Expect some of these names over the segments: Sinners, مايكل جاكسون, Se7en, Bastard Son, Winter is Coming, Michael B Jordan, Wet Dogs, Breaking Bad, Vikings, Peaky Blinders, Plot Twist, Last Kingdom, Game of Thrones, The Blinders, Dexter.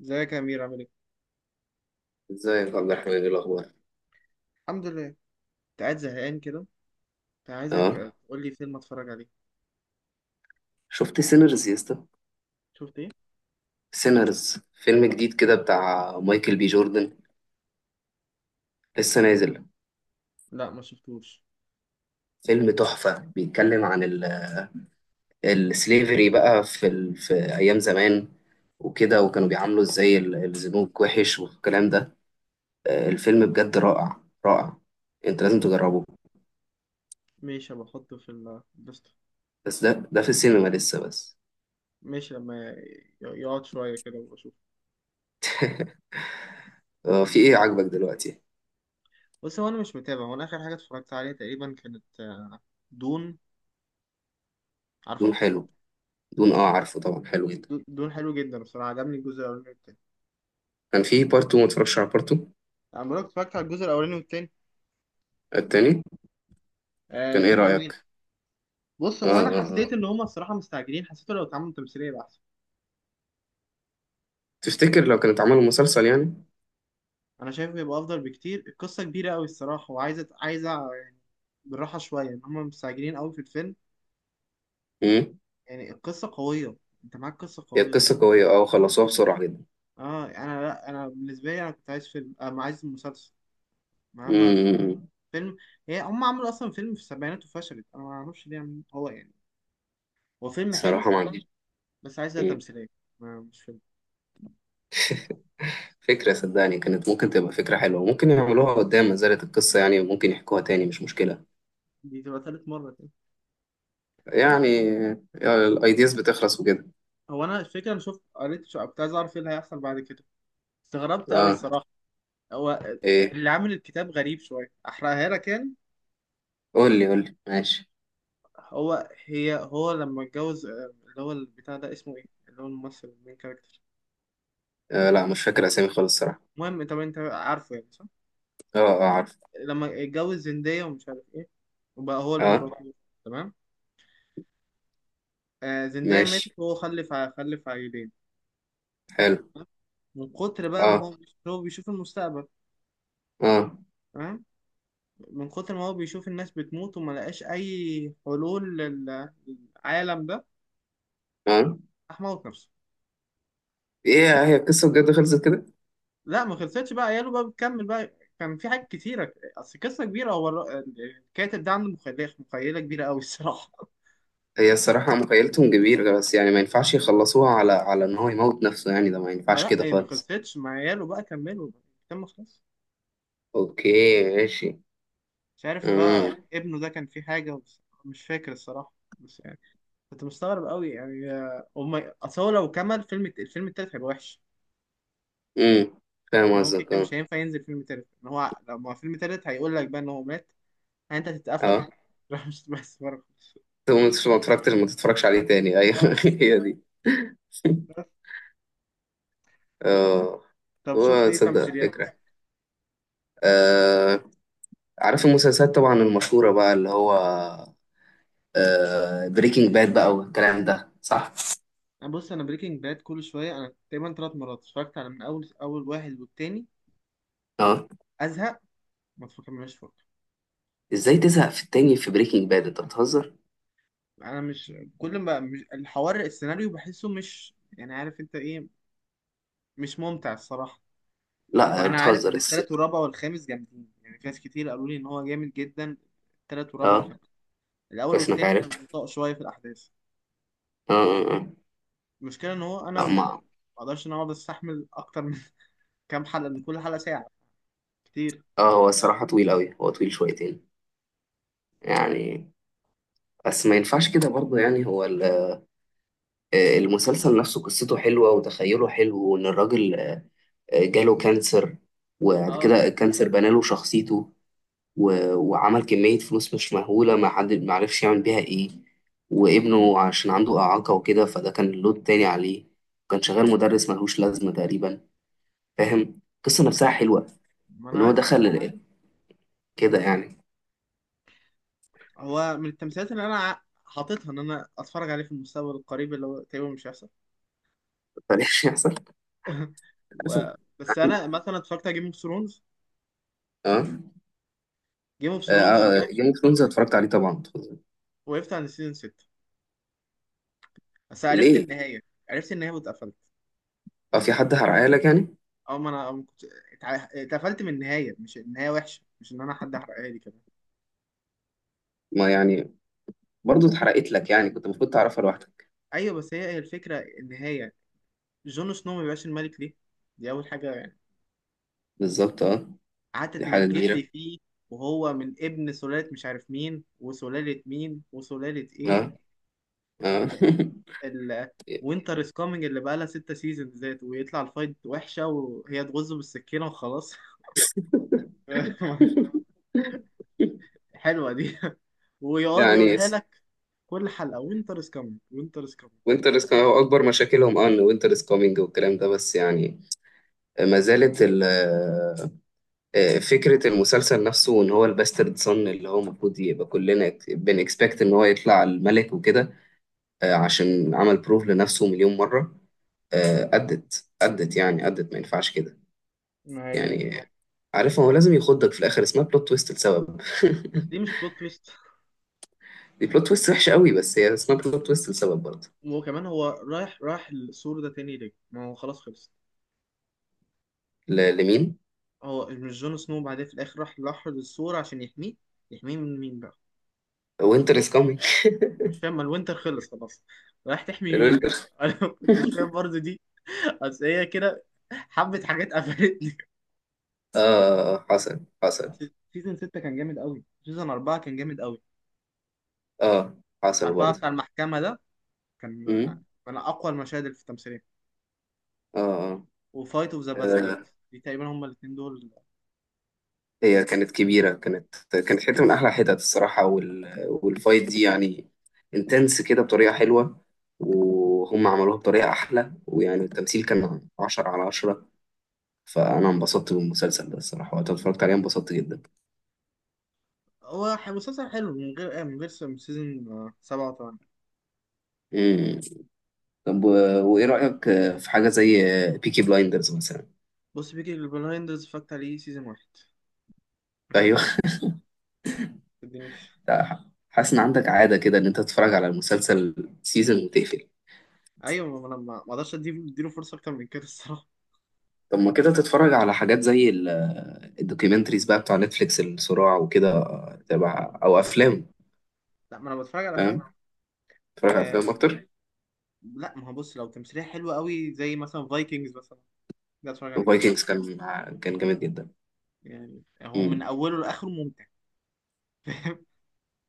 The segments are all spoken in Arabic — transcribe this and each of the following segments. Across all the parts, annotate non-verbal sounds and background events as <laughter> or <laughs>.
ازيك يا امير، عامل ايه؟ ازيك يا عبد الرحمن، ايه الاخبار؟ الحمد لله. كنت قاعد زهقان كده، كنت تمام. عايزك تقول لي فيلم اتفرج عليه. شفت سينرز يا اسطى؟ شفت ايه؟ سينرز فيلم جديد كده بتاع مايكل بي جوردن، لسه نازل. لا، ما شفتوش. فيلم تحفة، بيتكلم عن السليفري بقى في ايام زمان وكده، وكانوا بيعاملوا ازاي الزنوج وحش والكلام ده. آه، الفيلم بجد رائع رائع، انت لازم تجربه. ماشي، بحطه في الليست. بس ده في السينما لسه بس. ماشي، لما يقعد شويه كده واشوف. آه، في ايه عاجبك دلوقتي؟ بص، هو انا مش متابع. هو انا اخر حاجه اتفرجت عليها تقريبا كانت، دون. دون عارفه؟ حلو. دون اه عارفه طبعا، حلو جدا. دون حلو جدا بصراحه. عجبني الجزء الاولاني والتاني. كان في بارت 2، ما اتفرجش على بارت 2 انا بقولك اتفرجت على الجزء الاولاني والتاني. التاني. آه، كان ايه الاتنين حلوين. رأيك؟ بص، آه هو انا آه حسيت آه. ان هما الصراحه مستعجلين. حسيت لو اتعملوا تمثيليه يبقى احسن. تفتكر لو كانت عملوا مسلسل يعني؟ انا شايف بيبقى افضل بكتير. القصه كبيره قوي الصراحه، وعايزه يعني بالراحه شويه. ان هم مستعجلين قوي في الفيلم. امم يعني القصه قويه. انت معاك قصه هي قويه القصة الصراحه. قوية اه، وخلصوها بسرعة جدا. اه، انا لا انا بالنسبه لي انا كنت عايز فيلم، ما عايز مسلسل. ما اما في- امم فيلم. هم عملوا اصلا فيلم في السبعينات وفشلت. انا ما اعرفش ليه هو يعني هو فيلم حلو، صراحة ما عنديش. بس عايزها مم. تمثيليه. ما مش فيلم. فكرة، صدقني كانت ممكن تبقى فكرة حلوة، ممكن يعملوها قدام ما زالت القصة يعني، وممكن يحكوها تاني مش مشكلة دي تبقى تالت مره كده. يعني. آه، الايدياز بتخلص وكده. هو انا الفكره انا شفت، كنت عايز اعرف ايه اللي هيحصل بعد كده. استغربت قوي اه الصراحه. هو ايه؟ اللي عامل الكتاب غريب شوية. أحرقها لك يعني. قول لي قول لي، ماشي. هو لما اتجوز، اللي هو البتاع ده اسمه إيه؟ اللي هو الممثل المين كاركتر. آه لا، مش فاكر اسامي خالص الصراحة. المهم، طب أنت عارفه يعني، صح؟ اه اه عارف. لما اتجوز زندية ومش عارف إيه، وبقى هو اه الإمبراطور. تمام؟ آه، زندية ماشي، ماتت وهو خلف خلف عيلين. حلو. تمام؟ من كتر بقى ما اه هو، هو بيشوف المستقبل. اه تمام؟ من كتر ما هو بيشوف الناس بتموت وما لقاش أي حلول للعالم ده، اه. راح موت نفسه. ايه هي القصة بجد خلصت كده؟ لا، ما خلصتش، بقى عياله بقى بتكمل بقى. كان في حاجات كتيرة، أصل قصة كبيرة. هو الكاتب ده عنده مخيلة كبيرة أوي الصراحة. <laughs> هي الصراحة مخيلتهم كبيرة، بس يعني ما ينفعش يخلصوها على على إن هو يموت نفسه، يعني ده ما ينفعش فلا، كده هي ما خالص. خلصتش، مع عياله بقى كملوا بقى. كان ما خلصش. أوكي ماشي. مش عارف بقى أمم. ابنه ده كان فيه حاجة بس مش فاكر الصراحة، بس يعني كنت مستغرب أوي يعني. هما أصل هو لو كمل فيلم، الفيلم التالت هيبقى وحش. أمم، فاهم يعني هو كده قصدك كده مش أه. هينفع ينزل فيلم تالت. إن هو لو فيلم تالت، هيقول لك بقى إن هو مات. يعني أنت تتقفل. أه <laughs> راح، مش بس بره خالص. طب ما اتفرجتش، ما تتفرجش عليه تاني. أيوه اه، <laughs> هي دي. بس. أه. طب شفت هو إيه تصدق تمثيليات فكرة. مثلا؟ أه عارف المسلسلات طبعا المشهورة بقى اللي هو أه بريكنج باد بقى والكلام ده، صح؟ أنا بص، انا بريكنج باد كل شويه انا تقريبا ثلاث مرات اتفرجت على، من اول واحد والتاني أه. ازهق، ما اتفرجش فرق. إزاي تزهق في التاني في بريكنج باد، أنت بتهزر؟ انا مش كل ما، مش الحوار، السيناريو بحسه مش، يعني عارف انت ايه، مش ممتع الصراحه. لا وانا عارف بتهزر ان التالت والرابع والخامس جامدين. يعني في ناس كتير قالوا لي ان هو جامد جدا، التالت والرابع أه والخامس. الاول كويس إنك والتاني عارف. بطيء شويه في الاحداث. اه اه اه. المشكله ان هو انا لا، ما ولا ما اقدرش ان أنا اقعد استحمل اكتر من <laughs> كام حلقه، لان كل حلقه ساعه، كتير. اه. هو الصراحة طويل أوي، هو طويل شويتين يعني. بس ما ينفعش كده برضه يعني، آه، المسلسل نفسه قصته حلوة، وتخيله حلو، وإن الراجل آه، جاله كانسر، وبعد اه، كده الكانسر بناله شخصيته، وعمل كمية فلوس مش مهولة، ما حد ما عرفش يعمل بيها إيه، وابنه عشان عنده إعاقة وكده فده كان لود تاني عليه، وكان شغال مدرس ملهوش لازمة تقريبا. فاهم القصة نفسها ايوه، حلوة، ما انا وإن هو عارف. دخل كده يعني. هو من التمثيلات اللي انا حاططها ان انا اتفرج عليه في المستقبل القريب، اللي هو تقريبا مش هيحصل. <laughs> بلاش يحصل. <laughs> مثلا. و... بس انا مثلا اتفرجت على جيم اوف ثرونز. اه. جيم اوف ثرونز انا اه وقفت، جيم اوف ثرونز اتفرجت عليه طبعا. وقفت عند سيزون 6. بس عرفت ليه؟ النهايه، واتقفلت اه، في حد حرقها لك يعني؟ او، ما انا ما كنت اتقفلت من النهايه. مش النهايه وحشه، مش ان انا حد حرقها لي كمان. ما يعني برضه اتحرقت لك يعني، كنت المفروض تعرفها لوحدك. ايوه بس هي، الفكره النهايه، جون سنو ما بيبقاش الملك ليه. دي اول حاجه يعني. بالظبط اه. قعدت دي حاجة تمجد لي كبيرة. فيه، وهو من ابن سلاله مش عارف مين، وسلاله مين، وسلاله ايه. اه. اه. وينتر از كامينج اللي بقى لها ستة سيزون ذات، ويطلع الفايت وحشة وهي تغزه بالسكينة وخلاص. <laughs> <laughs> حلوة دي. ويقعد يعني. يقولها لك كل حلقة: وينتر از كامينج، وينتر از كامينج. وينتر از هو اكبر مشاكلهم اه، ان وينتر از كومينج والكلام ده، بس يعني ما زالت ال- آه، فكرة المسلسل نفسه ان هو الباسترد صن، اللي هو المفروض يبقى كلنا بنكسبكت ان هو يطلع الملك وكده، آه، عشان عمل بروف لنفسه مليون مرة. آه، أدت أدت يعني أدت، ما ينفعش كده ما هي، يعني. عارف هو لازم يخضك في الآخر، اسمها بلوت تويست لسبب. بس دي مش بلوت تويست. <laughs> دي بلوت تويست وحشة قوي، بس هي اسمها بلوت تويست لسبب برضه. وكمان هو رايح، راح السور ده تاني ليه؟ ما هو خلاص خلص. لمين؟ هو مش جون سنو بعدين في الآخر راح لحر السور عشان يحميه؟ يحميه من مين بقى؟ وينتر از كامينج. مش فاهم. ما الوينتر خلص خلاص، رايح تحمي مين الوينتر. بقى؟ <laughs> <laughs> أنا ما كنتش فاهم برضه دي. بس هي كده حبة حاجات قفلتني. آه آه، آه، حصل حصل. اصل سيزون 6 كان جامد قوي، سيزون 4 كان جامد قوي. آه حصل 4 برضه. بتاع المحكمة ده كان أمم. من اقوى المشاهد اللي في التمثيلية. آه آه. وفايت اوف ذا باسترد، آه، دي تقريبا هما الاثنين دول. هي كانت كبيرة، كانت حتة من أحلى حتت الصراحة، والفايت دي يعني انتنس كده بطريقة حلوة، وهم عملوها بطريقة أحلى، ويعني التمثيل كان عشرة على عشرة. فانا انبسطت بالمسلسل ده الصراحه، وقت ما اتفرجت عليه انبسطت جدا. هو مسلسل حلو من غير، سيزون 7 و8. امم. طب وايه رايك آه، في حاجه زي بيكي بلايندرز مثلا؟ بص، بيجي البلايندرز اتفرجت عليه سيزون واحد، ما ايوه. شدنيش. ما شدنيش ده، حاسس ان عندك عاده كده ان انت تتفرج على المسلسل سيزون وتقفل. ايوه، ما انا ما اقدرش اديله فرصه اكتر من كده الصراحه. طب ما كده تتفرج على حاجات زي الدوكيومنتريز بقى بتوع نتفليكس، الصراع وكده آه، تبع او افلام. لا، ما انا بتفرج على افلام. فاهم، تتفرج على افلام آه، اكتر. لا ما هو بص، لو تمثيليه حلوه قوي زي مثلا فايكنجز مثلا، ده اتفرج عليه. فايكنجز كان كان جامد جدا. يعني هو من امم. اوله لاخره ممتع. <laughs>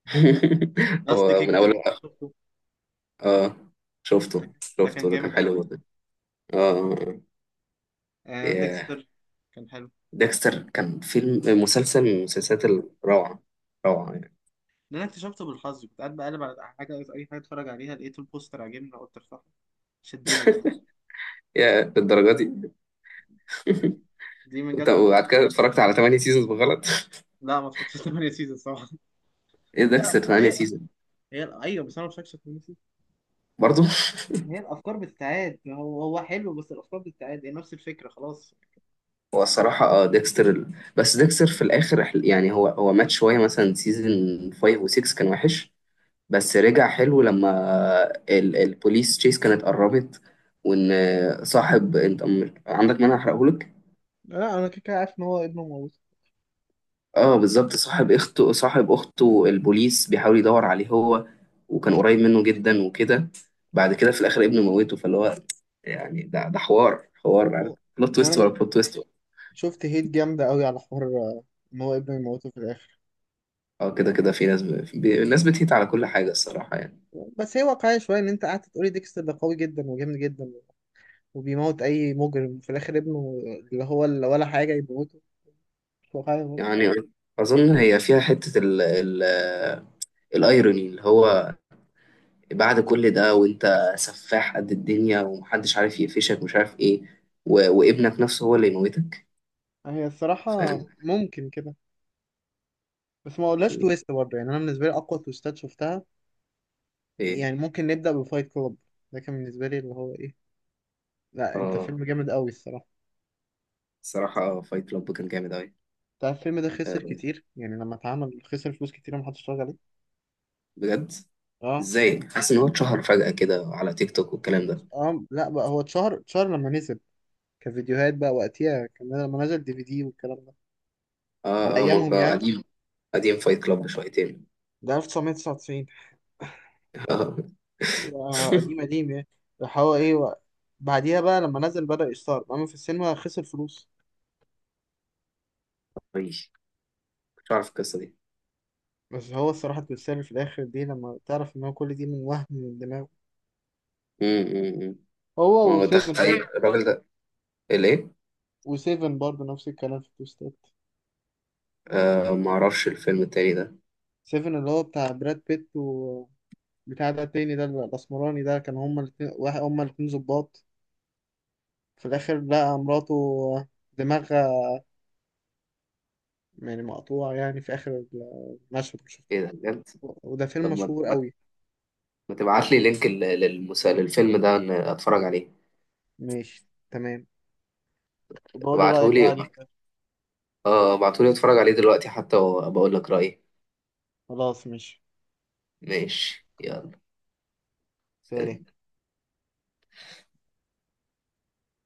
<laughs> لاست هو من اول. كينجدم شفته. اه ده شفته، كان، ده شفته كان ده كان جامد قوي حلو برضه. جدا. اه آه، آه. آه، يا. ديكستر كان حلو. ديكستر كان فيلم مسلسل من المسلسلات الروعة، روعة يعني. ده انا اكتشفته بالحظ. كنت قاعد بقلب على حاجه، اي حاجه اتفرج عليها، لقيت البوستر عاجبني قلت ارفعه. شدني بقى، يا الدرجة دي. يعني <laughs> دي من جت بالحظ. وبعد كده اتفرجت على 8 سيزونز بالغلط. لا، ما اتفرجتش 8 سيزون صراحه. <laughs> ايه لا، ديكستر أصل 8 هي، سيزون ايوه، بس انا ما اتفرجتش 8 سيزون. برضه. هي الافكار بتتعاد. ما هو، حلو بس الافكار بتتعاد، هي نفس الفكره خلاص. <laughs> هو الصراحة اه ديكستر بس ديكستر في الآخر يعني هو مات شوية، مثلا سيزون 5 و6 كان وحش، بس رجع حلو لما ال البوليس تشيس كانت قربت، وإن صاحب أنت عندك مانع أحرقهولك؟ لا، انا كده كده عارف ان هو ابنه موته. اه بالظبط، صاحب اخته، صاحب اخته البوليس بيحاول يدور عليه هو، وكان قريب منه جدا وكده، بعد كده في الاخر ابنه موته، فاللي هو يعني ده ده حوار، حوار هو- يعني بلوت تويست ورا وانا بلوت تويست. شفت هيت جامده قوي على حوار، ان هو ابنه يموته في الاخر. اه كده كده في ناس الناس بتهيت على كل حاجة الصراحة يعني. بس هي واقعية شوية، إن أنت قعدت تقولي ديكستر ده قوي جدا وجامد جدا وبيموت أي مجرم، في الآخر ابنه اللي هو اللي ولا حاجة يموته. مش واقعية برضه. يعني أظن هي فيها حتة الايروني، اللي هو بعد كل ده وانت سفاح قد الدنيا ومحدش عارف يقفشك مش عارف ايه، وابنك نفسه هو اللي يموتك. هي الصراحة فاهم. ممكن كده، بس ما اقولهاش دي- تويست برضه. يعني أنا بالنسبة لي أقوى تويستات شفتها، ايه. يعني ممكن نبدأ بفايت كلوب. ده كان بالنسبة لي اللي هو إيه، لا، أنت اه فيلم جامد قوي الصراحة. الصراحة فايت كلاب كان جامد أوي. أنت عارف الفيلم ده خسر آه، كتير يعني؟ لما اتعمل خسر فلوس كتير، محدش اتفرج عليه. بجد؟ أه. ازاي حاسس ان هو اتشهر فجأة كده على تيك توك والكلام ده. أه، لا بقى، هو اتشهر لما نزل كفيديوهات بقى، وقتها كمان لما نزل دي في دي والكلام ده. على اه اه ما أيامهم هو يعني، قديم. قديم فايت كلاب شويتين. ده 1999. آه. يا <laughs> قديم، قديم يعني. راح هو ايه و... بعديها بقى لما نزل بدأ يستعرض، اما في السينما خسر فلوس. ماشي. كنت عارف القصة دي. بس هو الصراحة اتمثل في الآخر دي، لما تعرف إن هو كل دي من وهم من دماغه. مم، مم، مم. ما هو، هو وسيفن تخيل برضه. الراجل ده الايه. وسيفن برضه نفس الكلام في التوستات. آه ما اعرفش الفيلم التاني ده. سيفن اللي هو بتاع براد بيت، و بتاع ده التاني، ده الأسمراني ده، كان هما الاتنين واحد. هما الاتنين ظباط، في الآخر لقى مراته دماغها يعني مقطوعة يعني، في آخر المشهد. ايه ده بجد؟ وده فيلم طب مشهور أوي. ما تبعت لي لينك للفيلم ده إن اتفرج عليه. ماشي، تمام. بقول لي ابعته رأيك بقى لي. عليك. اه ابعته لي اتفرج عليه دلوقتي حتى، وبقول لك رأيي. خلاص، ماشي. ماشي يلا، سلام. سلام.